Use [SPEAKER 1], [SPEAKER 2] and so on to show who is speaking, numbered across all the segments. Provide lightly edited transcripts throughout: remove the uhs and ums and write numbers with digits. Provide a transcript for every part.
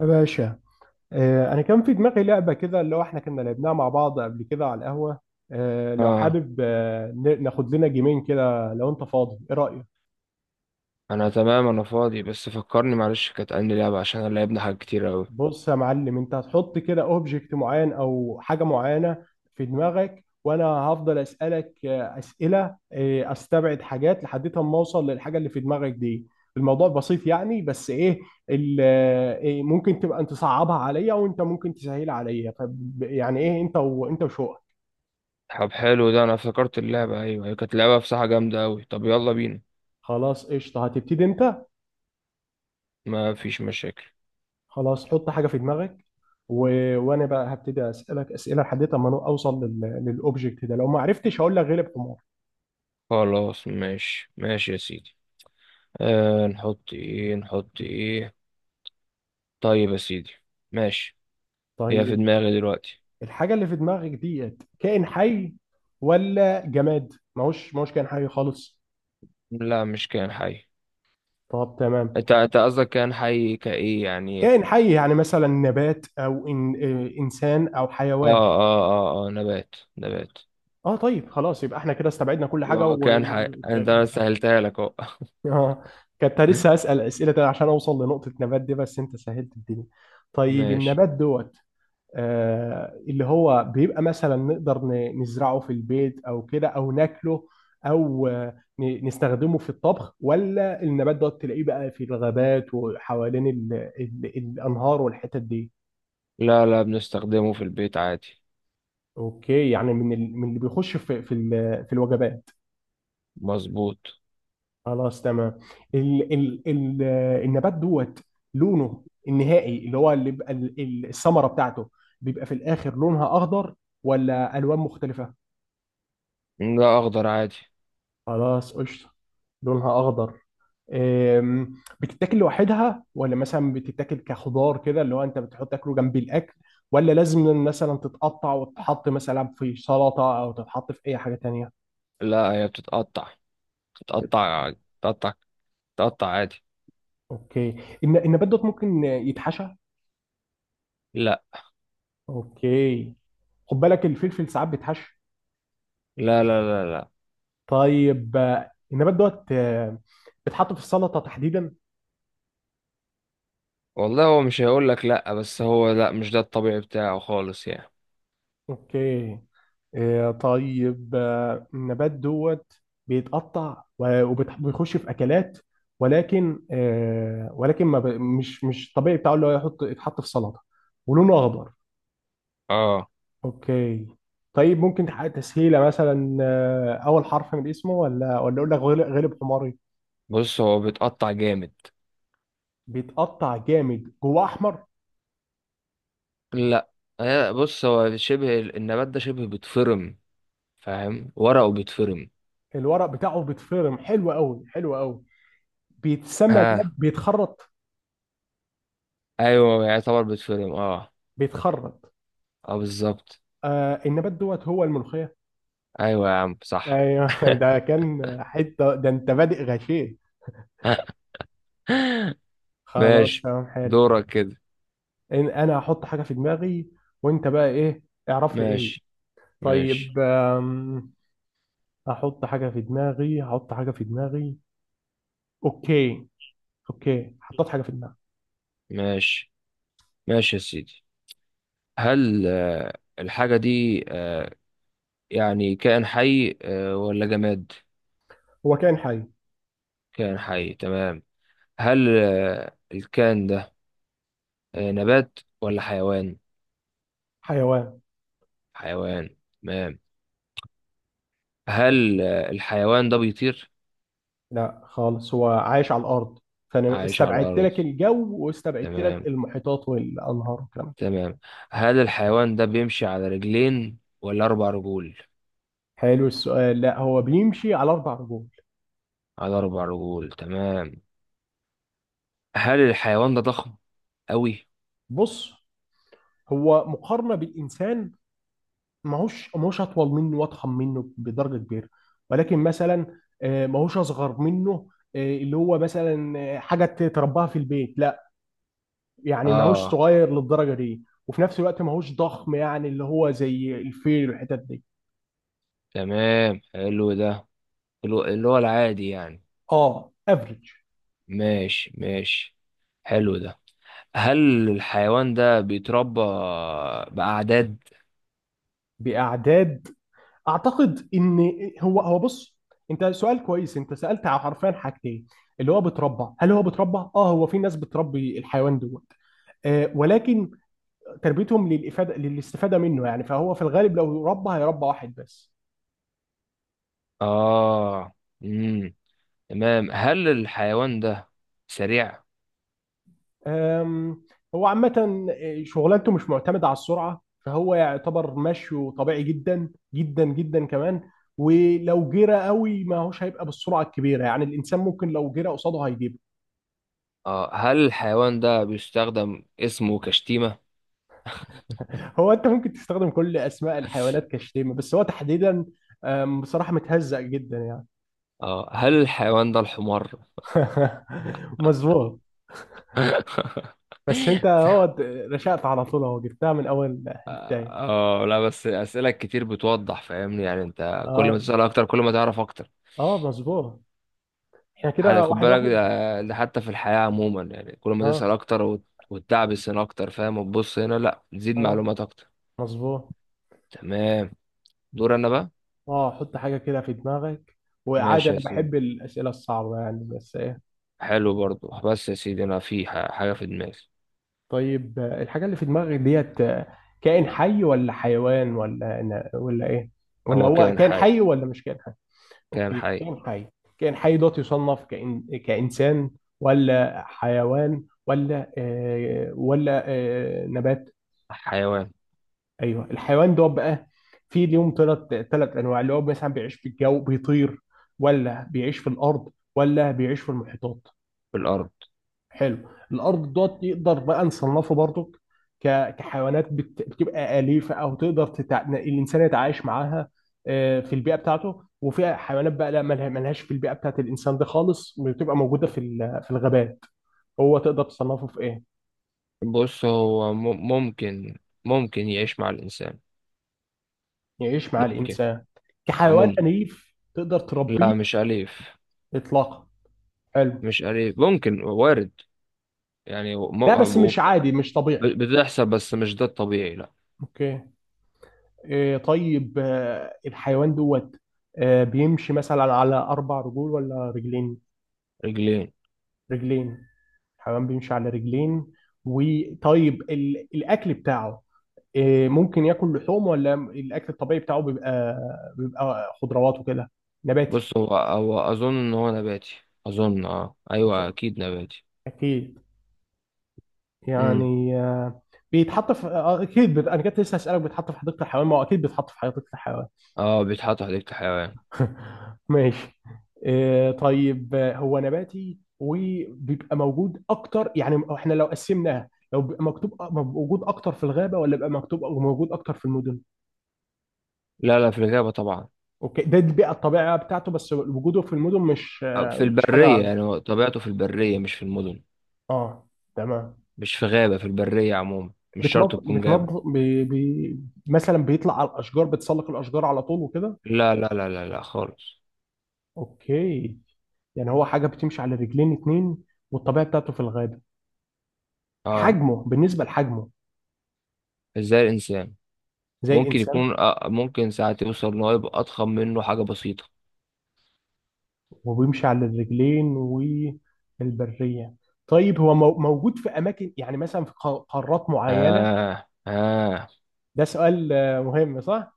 [SPEAKER 1] يا باشا. انا كان في دماغي لعبه كده اللي هو احنا كنا لعبناها مع بعض قبل كده على القهوه. لو
[SPEAKER 2] اه،
[SPEAKER 1] حابب ناخد لنا جيمين كده لو انت فاضي، ايه رايك؟
[SPEAKER 2] انا تمام، انا فاضي، بس فكرني معلش، كانت عندي لعبة عشان انا لعبنا حاجات كتير اوي.
[SPEAKER 1] بص يا معلم، انت هتحط كده اوبجكت معين او حاجه معينه في دماغك، وانا هفضل اسالك اسئله، استبعد حاجات لحد ما اوصل للحاجه اللي في دماغك دي. الموضوع بسيط يعني، بس ايه، ال- آه، إيه، ممكن تبقى انت صعبها عليا وانت ممكن تسهلها عليا، يعني ايه انت، وانت وشو.
[SPEAKER 2] طب حلو، ده انا افتكرت اللعبة. ايوه هي كانت لعبة بصراحة جامدة اوي. طب يلا بينا.
[SPEAKER 1] خلاص قشطة، هتبتدي انت.
[SPEAKER 2] ما فيش مشاكل.
[SPEAKER 1] خلاص، حط حاجة في دماغك و... وانا بقى هبتدي اسألك اسئلة لحد ما أنا اوصل للاوبجكت ده. لو ما عرفتش هقول لك غلب حمار.
[SPEAKER 2] خلاص ماشي يا سيدي. آه، نحط ايه نحط ايه؟ طيب يا سيدي، ماشي. هي في
[SPEAKER 1] طيب
[SPEAKER 2] دماغي دلوقتي.
[SPEAKER 1] الحاجة اللي في دماغك ديت كائن حي ولا جماد؟ ماهوش كائن حي خالص؟
[SPEAKER 2] لا مش كائن حي.
[SPEAKER 1] طب تمام.
[SPEAKER 2] انت قصدك كائن حي كايه يعني؟
[SPEAKER 1] كائن حي يعني مثلا نبات او إن... إيه، انسان او
[SPEAKER 2] اه
[SPEAKER 1] حيوان.
[SPEAKER 2] اه اه اه نبات نبات.
[SPEAKER 1] اه طيب خلاص، يبقى احنا كده استبعدنا كل حاجة.
[SPEAKER 2] اه
[SPEAKER 1] و
[SPEAKER 2] كان حي، انا سهلتها لك اهو.
[SPEAKER 1] اه كنت لسه هسأل أسئلة تانية عشان أوصل لنقطة نبات دي، بس أنت سهلت الدنيا. طيب
[SPEAKER 2] ماشي.
[SPEAKER 1] النبات دوت، اللي هو بيبقى مثلا نقدر نزرعه في البيت أو كده، أو ناكله أو نستخدمه في الطبخ، ولا النبات دوت تلاقيه بقى في الغابات وحوالين ال الأنهار والحتت دي؟
[SPEAKER 2] لا لا، بنستخدمه في البيت عادي.
[SPEAKER 1] أوكي، يعني من من اللي بيخش في في الوجبات.
[SPEAKER 2] مظبوط.
[SPEAKER 1] خلاص تمام. ال النبات دوت لونه النهائي اللي هو اللي بيبقى الثمره بتاعته بيبقى في الاخر، لونها اخضر ولا الوان مختلفه؟
[SPEAKER 2] لا اخضر عادي.
[SPEAKER 1] خلاص قشطه، لونها اخضر. أم، بتتاكل لوحدها ولا مثلا بتتاكل كخضار كده اللي هو انت بتحط تاكله جنب الاكل، ولا لازم مثلا تتقطع وتتحط مثلا في سلطه او تتحط في اي حاجه تانية؟
[SPEAKER 2] لا هي بتتقطع، بتتقطع بتتقطع بتتقطع عادي.
[SPEAKER 1] اوكي. النبات دوت ممكن يتحشى؟
[SPEAKER 2] لا
[SPEAKER 1] اوكي، خد بالك الفلفل ساعات بيتحشى.
[SPEAKER 2] لا لا لا لا.
[SPEAKER 1] طيب النبات دوت بيتحط في السلطة تحديدا؟
[SPEAKER 2] والله هو مش هيقول لك لا، بس هو لا مش ده الطبيعي بتاعه خالص يعني.
[SPEAKER 1] اوكي. طيب النبات دوت بيتقطع وبيخش في أكلات، ولكن آه، ولكن ما ب- مش مش طبيعي بتاعه اللي هو يحط يتحط في سلطة، ولونه أخضر.
[SPEAKER 2] اه
[SPEAKER 1] اوكي. طيب ممكن تحقق تسهيلة مثلا، أول حرف من اسمه، ولا ولا أقول لك غلب غلب حماري؟
[SPEAKER 2] بص هو بيتقطع جامد.
[SPEAKER 1] بيتقطع جامد جواه أحمر؟
[SPEAKER 2] لا. بص هو شبه، النبات ده شبه بيتفرم، فاهم؟ ورقه بيتفرم.
[SPEAKER 1] الورق بتاعه بيتفرم؟ حلو قوي، حلو قوي. بيتسمى لاب
[SPEAKER 2] ها؟
[SPEAKER 1] بيتخرط.
[SPEAKER 2] ايوه يعتبر بيتفرم اه.
[SPEAKER 1] بيتخرط.
[SPEAKER 2] اه بالظبط.
[SPEAKER 1] النبات دوت هو الملوخيه؟
[SPEAKER 2] ايوه يا عم صح.
[SPEAKER 1] ايوه. ده كان حته، ده انت بادئ غشيم. خلاص
[SPEAKER 2] ماشي.
[SPEAKER 1] تمام، حلو.
[SPEAKER 2] دورك كده.
[SPEAKER 1] إن انا هحط حاجه في دماغي، وانت بقى ايه، اعرف لي ايه هي.
[SPEAKER 2] ماشي ماشي.
[SPEAKER 1] طيب احط حاجه في دماغي، هحط حاجه في دماغي. اوكي. اوكي، حطيت حاجه في دماغي.
[SPEAKER 2] ماشي ماشي يا سيدي. هل الحاجة دي يعني كائن حي ولا جماد؟
[SPEAKER 1] هو كائن حي.
[SPEAKER 2] كائن حي تمام. هل الكائن ده نبات ولا حيوان؟
[SPEAKER 1] حيوان.
[SPEAKER 2] حيوان تمام. هل الحيوان ده بيطير؟
[SPEAKER 1] لا خالص، هو عايش على الارض، فانا
[SPEAKER 2] عايش على
[SPEAKER 1] استبعدت
[SPEAKER 2] الأرض.
[SPEAKER 1] لك الجو واستبعدت لك
[SPEAKER 2] تمام
[SPEAKER 1] المحيطات والانهار والكلام ده.
[SPEAKER 2] تمام. هل الحيوان ده بيمشي على رجلين ولا أربع رجول؟
[SPEAKER 1] حلو السؤال. لا، هو بيمشي على اربع رجول.
[SPEAKER 2] على أربع رجول تمام. هل الحيوان ده ضخم أوي؟
[SPEAKER 1] بص، هو مقارنه بالانسان ماهوش اطول منه واضخم منه بدرجه كبيره، ولكن مثلا ماهوش اصغر منه، اللي هو مثلا حاجه تربيها في البيت، لا. يعني ماهوش
[SPEAKER 2] آه
[SPEAKER 1] صغير للدرجه دي، وفي نفس الوقت ماهوش ضخم يعني اللي هو زي الفيل والحتت دي.
[SPEAKER 2] تمام حلو ده. اللي هو العادي يعني.
[SPEAKER 1] اه افريج.
[SPEAKER 2] ماشي ماشي. حلو ده. هل الحيوان ده بيتربى بأعداد؟
[SPEAKER 1] باعداد؟ اعتقد ان هو بص، انت سؤال كويس، انت سالت على حرفيا حاجتين. اللي هو بتربى، هل هو بتربى؟ اه، هو في ناس بتربي الحيوان دوت، ولكن تربيتهم للافاده، للاستفاده منه يعني، فهو في الغالب لو ربى هيربى واحد بس.
[SPEAKER 2] آه. مم. تمام. هل الحيوان ده سريع؟
[SPEAKER 1] آم، هو عامه شغلانته مش معتمده على السرعه، فهو يعتبر مشيه طبيعي جدا جدا جدا كمان، ولو جرى قوي ما هوش هيبقى بالسرعه الكبيره، يعني الانسان ممكن لو جرى قصاده هيجيبه.
[SPEAKER 2] آه. هل الحيوان ده بيستخدم اسمه كشتيمة؟
[SPEAKER 1] هو انت ممكن تستخدم كل اسماء الحيوانات كشتيمه، بس هو تحديدا بصراحه متهزأ جدا يعني.
[SPEAKER 2] اه. هل الحيوان ده الحمار؟
[SPEAKER 1] مظبوط. بس انت هو رشقت على طول، اهو جبتها من اول البدايه.
[SPEAKER 2] اه، لا بس اسئله كتير بتوضح، فاهمني يعني؟ انت كل
[SPEAKER 1] اه،
[SPEAKER 2] ما تسال اكتر كل ما تعرف اكتر.
[SPEAKER 1] اه مظبوط. احنا كده
[SPEAKER 2] خد
[SPEAKER 1] واحد
[SPEAKER 2] بالك،
[SPEAKER 1] واحد.
[SPEAKER 2] ده حتى في الحياه عموما يعني، كل ما
[SPEAKER 1] اه،
[SPEAKER 2] تسال اكتر وتدعبس هنا اكتر، فاهم؟ وتبص هنا، لا تزيد
[SPEAKER 1] اه
[SPEAKER 2] معلومات اكتر.
[SPEAKER 1] مظبوط.
[SPEAKER 2] تمام. دور انا بقى.
[SPEAKER 1] اه، حط حاجه كده في دماغك، وعادي
[SPEAKER 2] ماشي يا
[SPEAKER 1] انا
[SPEAKER 2] سيدي.
[SPEAKER 1] بحب الاسئله الصعبه يعني، بس ايه.
[SPEAKER 2] حلو برضو، بس يا سيدي انا في حاجه في دماغي.
[SPEAKER 1] طيب الحاجه اللي في دماغك ديت كائن حي ولا حيوان ولا ولا ايه، ولا
[SPEAKER 2] هو
[SPEAKER 1] هو
[SPEAKER 2] كائن
[SPEAKER 1] كائن
[SPEAKER 2] حي.
[SPEAKER 1] حي ولا مش كائن؟
[SPEAKER 2] كائن
[SPEAKER 1] اوكي،
[SPEAKER 2] حي.
[SPEAKER 1] كائن حي. كائن حي دوت يصنف كإنسان ولا حيوان ولا آه ولا آه نبات؟
[SPEAKER 2] حيوان.
[SPEAKER 1] ايوه، الحيوان دوت بقى في ليهم ثلاث انواع، اللي هو مثلا بيعيش في الجو بيطير، ولا بيعيش في الارض، ولا بيعيش في المحيطات؟
[SPEAKER 2] في الارض.
[SPEAKER 1] حلو. الارض دوت نقدر بقى نصنفه برضك كحيوانات بتبقى اليفه او تقدر الانسان يتعايش معاها في البيئه بتاعته، وفي حيوانات بقى لا ملهاش في البيئه بتاعت الانسان ده خالص، بتبقى موجوده في في الغابات. هو تقدر تصنفه في ايه؟
[SPEAKER 2] بص هو ممكن، ممكن يعيش مع الإنسان.
[SPEAKER 1] يعيش مع
[SPEAKER 2] ممكن
[SPEAKER 1] الانسان كحيوان
[SPEAKER 2] ممكن.
[SPEAKER 1] اليف تقدر تربيه؟
[SPEAKER 2] لا مش أليف.
[SPEAKER 1] اطلاقا. حلو.
[SPEAKER 2] مش أليف ممكن وارد يعني
[SPEAKER 1] لا بس
[SPEAKER 2] وب-
[SPEAKER 1] مش عادي مش طبيعي.
[SPEAKER 2] بتحصل، بس مش ده الطبيعي، لا.
[SPEAKER 1] اوكي. طيب الحيوان دوت بيمشي مثلا على اربع رجول ولا رجلين؟
[SPEAKER 2] رجلين.
[SPEAKER 1] رجلين. الحمام بيمشي على رجلين. وطيب الاكل بتاعه، ممكن ياكل لحوم، ولا الاكل الطبيعي بتاعه بيبقى خضروات وكده، نباتي؟
[SPEAKER 2] بص هو أظن إن هو نباتي. أظن، أه أيوه
[SPEAKER 1] اظن
[SPEAKER 2] أكيد نباتي.
[SPEAKER 1] اكيد،
[SPEAKER 2] امم.
[SPEAKER 1] يعني بيتحط في اكيد، انا كنت لسه هسالك بيتحط في حديقه الحيوان، ما هو اكيد بيتحط في حديقه الحيوان.
[SPEAKER 2] أه بيتحط حديقة الحيوان.
[SPEAKER 1] ماشي. طيب هو نباتي، وبيبقى موجود اكتر يعني احنا لو قسمناها، لو بيبقى مكتوب موجود اكتر في الغابه، ولا بيبقى مكتوب موجود اكتر في المدن؟
[SPEAKER 2] لا لا، في الغابة طبعا.
[SPEAKER 1] اوكي، ده البيئة الطبيعية بتاعته، بس وجوده في المدن مش
[SPEAKER 2] آه، في
[SPEAKER 1] مش
[SPEAKER 2] البرية،
[SPEAKER 1] حاجة.
[SPEAKER 2] يعني هو طبيعته في البرية مش في المدن.
[SPEAKER 1] اه تمام.
[SPEAKER 2] مش في غابة، في البرية عموما، مش شرط
[SPEAKER 1] بتنض
[SPEAKER 2] تكون غابة.
[SPEAKER 1] بتنض مثلا بيطلع على الأشجار، بتسلق الأشجار على طول وكده؟
[SPEAKER 2] لا لا لا لا لا خالص.
[SPEAKER 1] اوكي. يعني هو حاجة بتمشي على رجلين اتنين، والطبيعة بتاعته في الغابة،
[SPEAKER 2] اه.
[SPEAKER 1] حجمه بالنسبة لحجمه
[SPEAKER 2] ازاي الانسان؟
[SPEAKER 1] زي
[SPEAKER 2] ممكن
[SPEAKER 1] الإنسان،
[SPEAKER 2] يكون ممكن ساعات يوصل ان هو يبقى اضخم منه حاجه بسيطه.
[SPEAKER 1] وبيمشي على الرجلين، والبرية. طيب هو موجود في أماكن يعني مثلا في قارات معينة؟
[SPEAKER 2] اه اه.
[SPEAKER 1] ده سؤال مهم، صح؟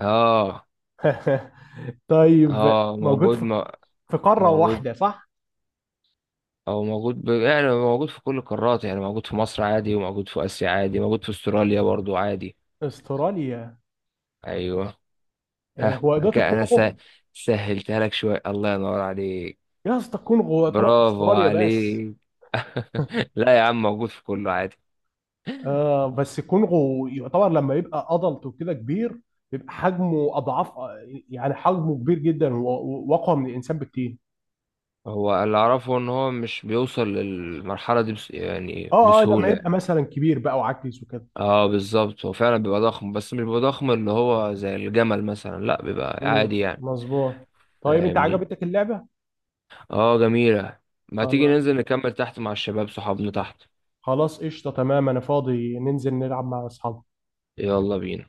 [SPEAKER 2] اه
[SPEAKER 1] طيب
[SPEAKER 2] اه.
[SPEAKER 1] موجود
[SPEAKER 2] موجود
[SPEAKER 1] في في قارة
[SPEAKER 2] موجود.
[SPEAKER 1] واحدة، صح؟
[SPEAKER 2] او موجود، ب... يعني موجود في كل القارات، يعني موجود في مصر عادي، وموجود في اسيا عادي، موجود في استراليا برضو عادي.
[SPEAKER 1] استراليا؟
[SPEAKER 2] ايوه. ها؟
[SPEAKER 1] هو إدارة
[SPEAKER 2] كده انا س...
[SPEAKER 1] الكونغو.
[SPEAKER 2] سهلتها لك شويه، الله ينور عليك.
[SPEAKER 1] يا اسطى الكونغو يعتبر
[SPEAKER 2] برافو
[SPEAKER 1] استراليا بس.
[SPEAKER 2] عليك. لا يا عم موجود في كله عادي.
[SPEAKER 1] آه بس الكونغو يعتبر لما يبقى ادلت وكده كبير، بيبقى حجمه اضعاف، يعني حجمه كبير جدا واقوى من الانسان بكتير.
[SPEAKER 2] هو اللي اعرفه ان هو مش بيوصل للمرحله دي بس يعني
[SPEAKER 1] اه، اه لما
[SPEAKER 2] بسهوله.
[SPEAKER 1] يبقى مثلا كبير بقى وعجز وكده.
[SPEAKER 2] اه بالظبط، هو فعلا بيبقى ضخم، بس مش بيبقى ضخم اللي هو زي الجمل مثلا، لا بيبقى عادي يعني.
[SPEAKER 1] مظبوط. طيب انت
[SPEAKER 2] فاهمني.
[SPEAKER 1] عجبتك اللعبة؟
[SPEAKER 2] اه جميلة. ما تيجي
[SPEAKER 1] خلاص.
[SPEAKER 2] ننزل نكمل تحت مع الشباب، صحابنا تحت.
[SPEAKER 1] خلاص قشطة تمام، انا فاضي ننزل نلعب مع اصحابي.
[SPEAKER 2] يلا بينا.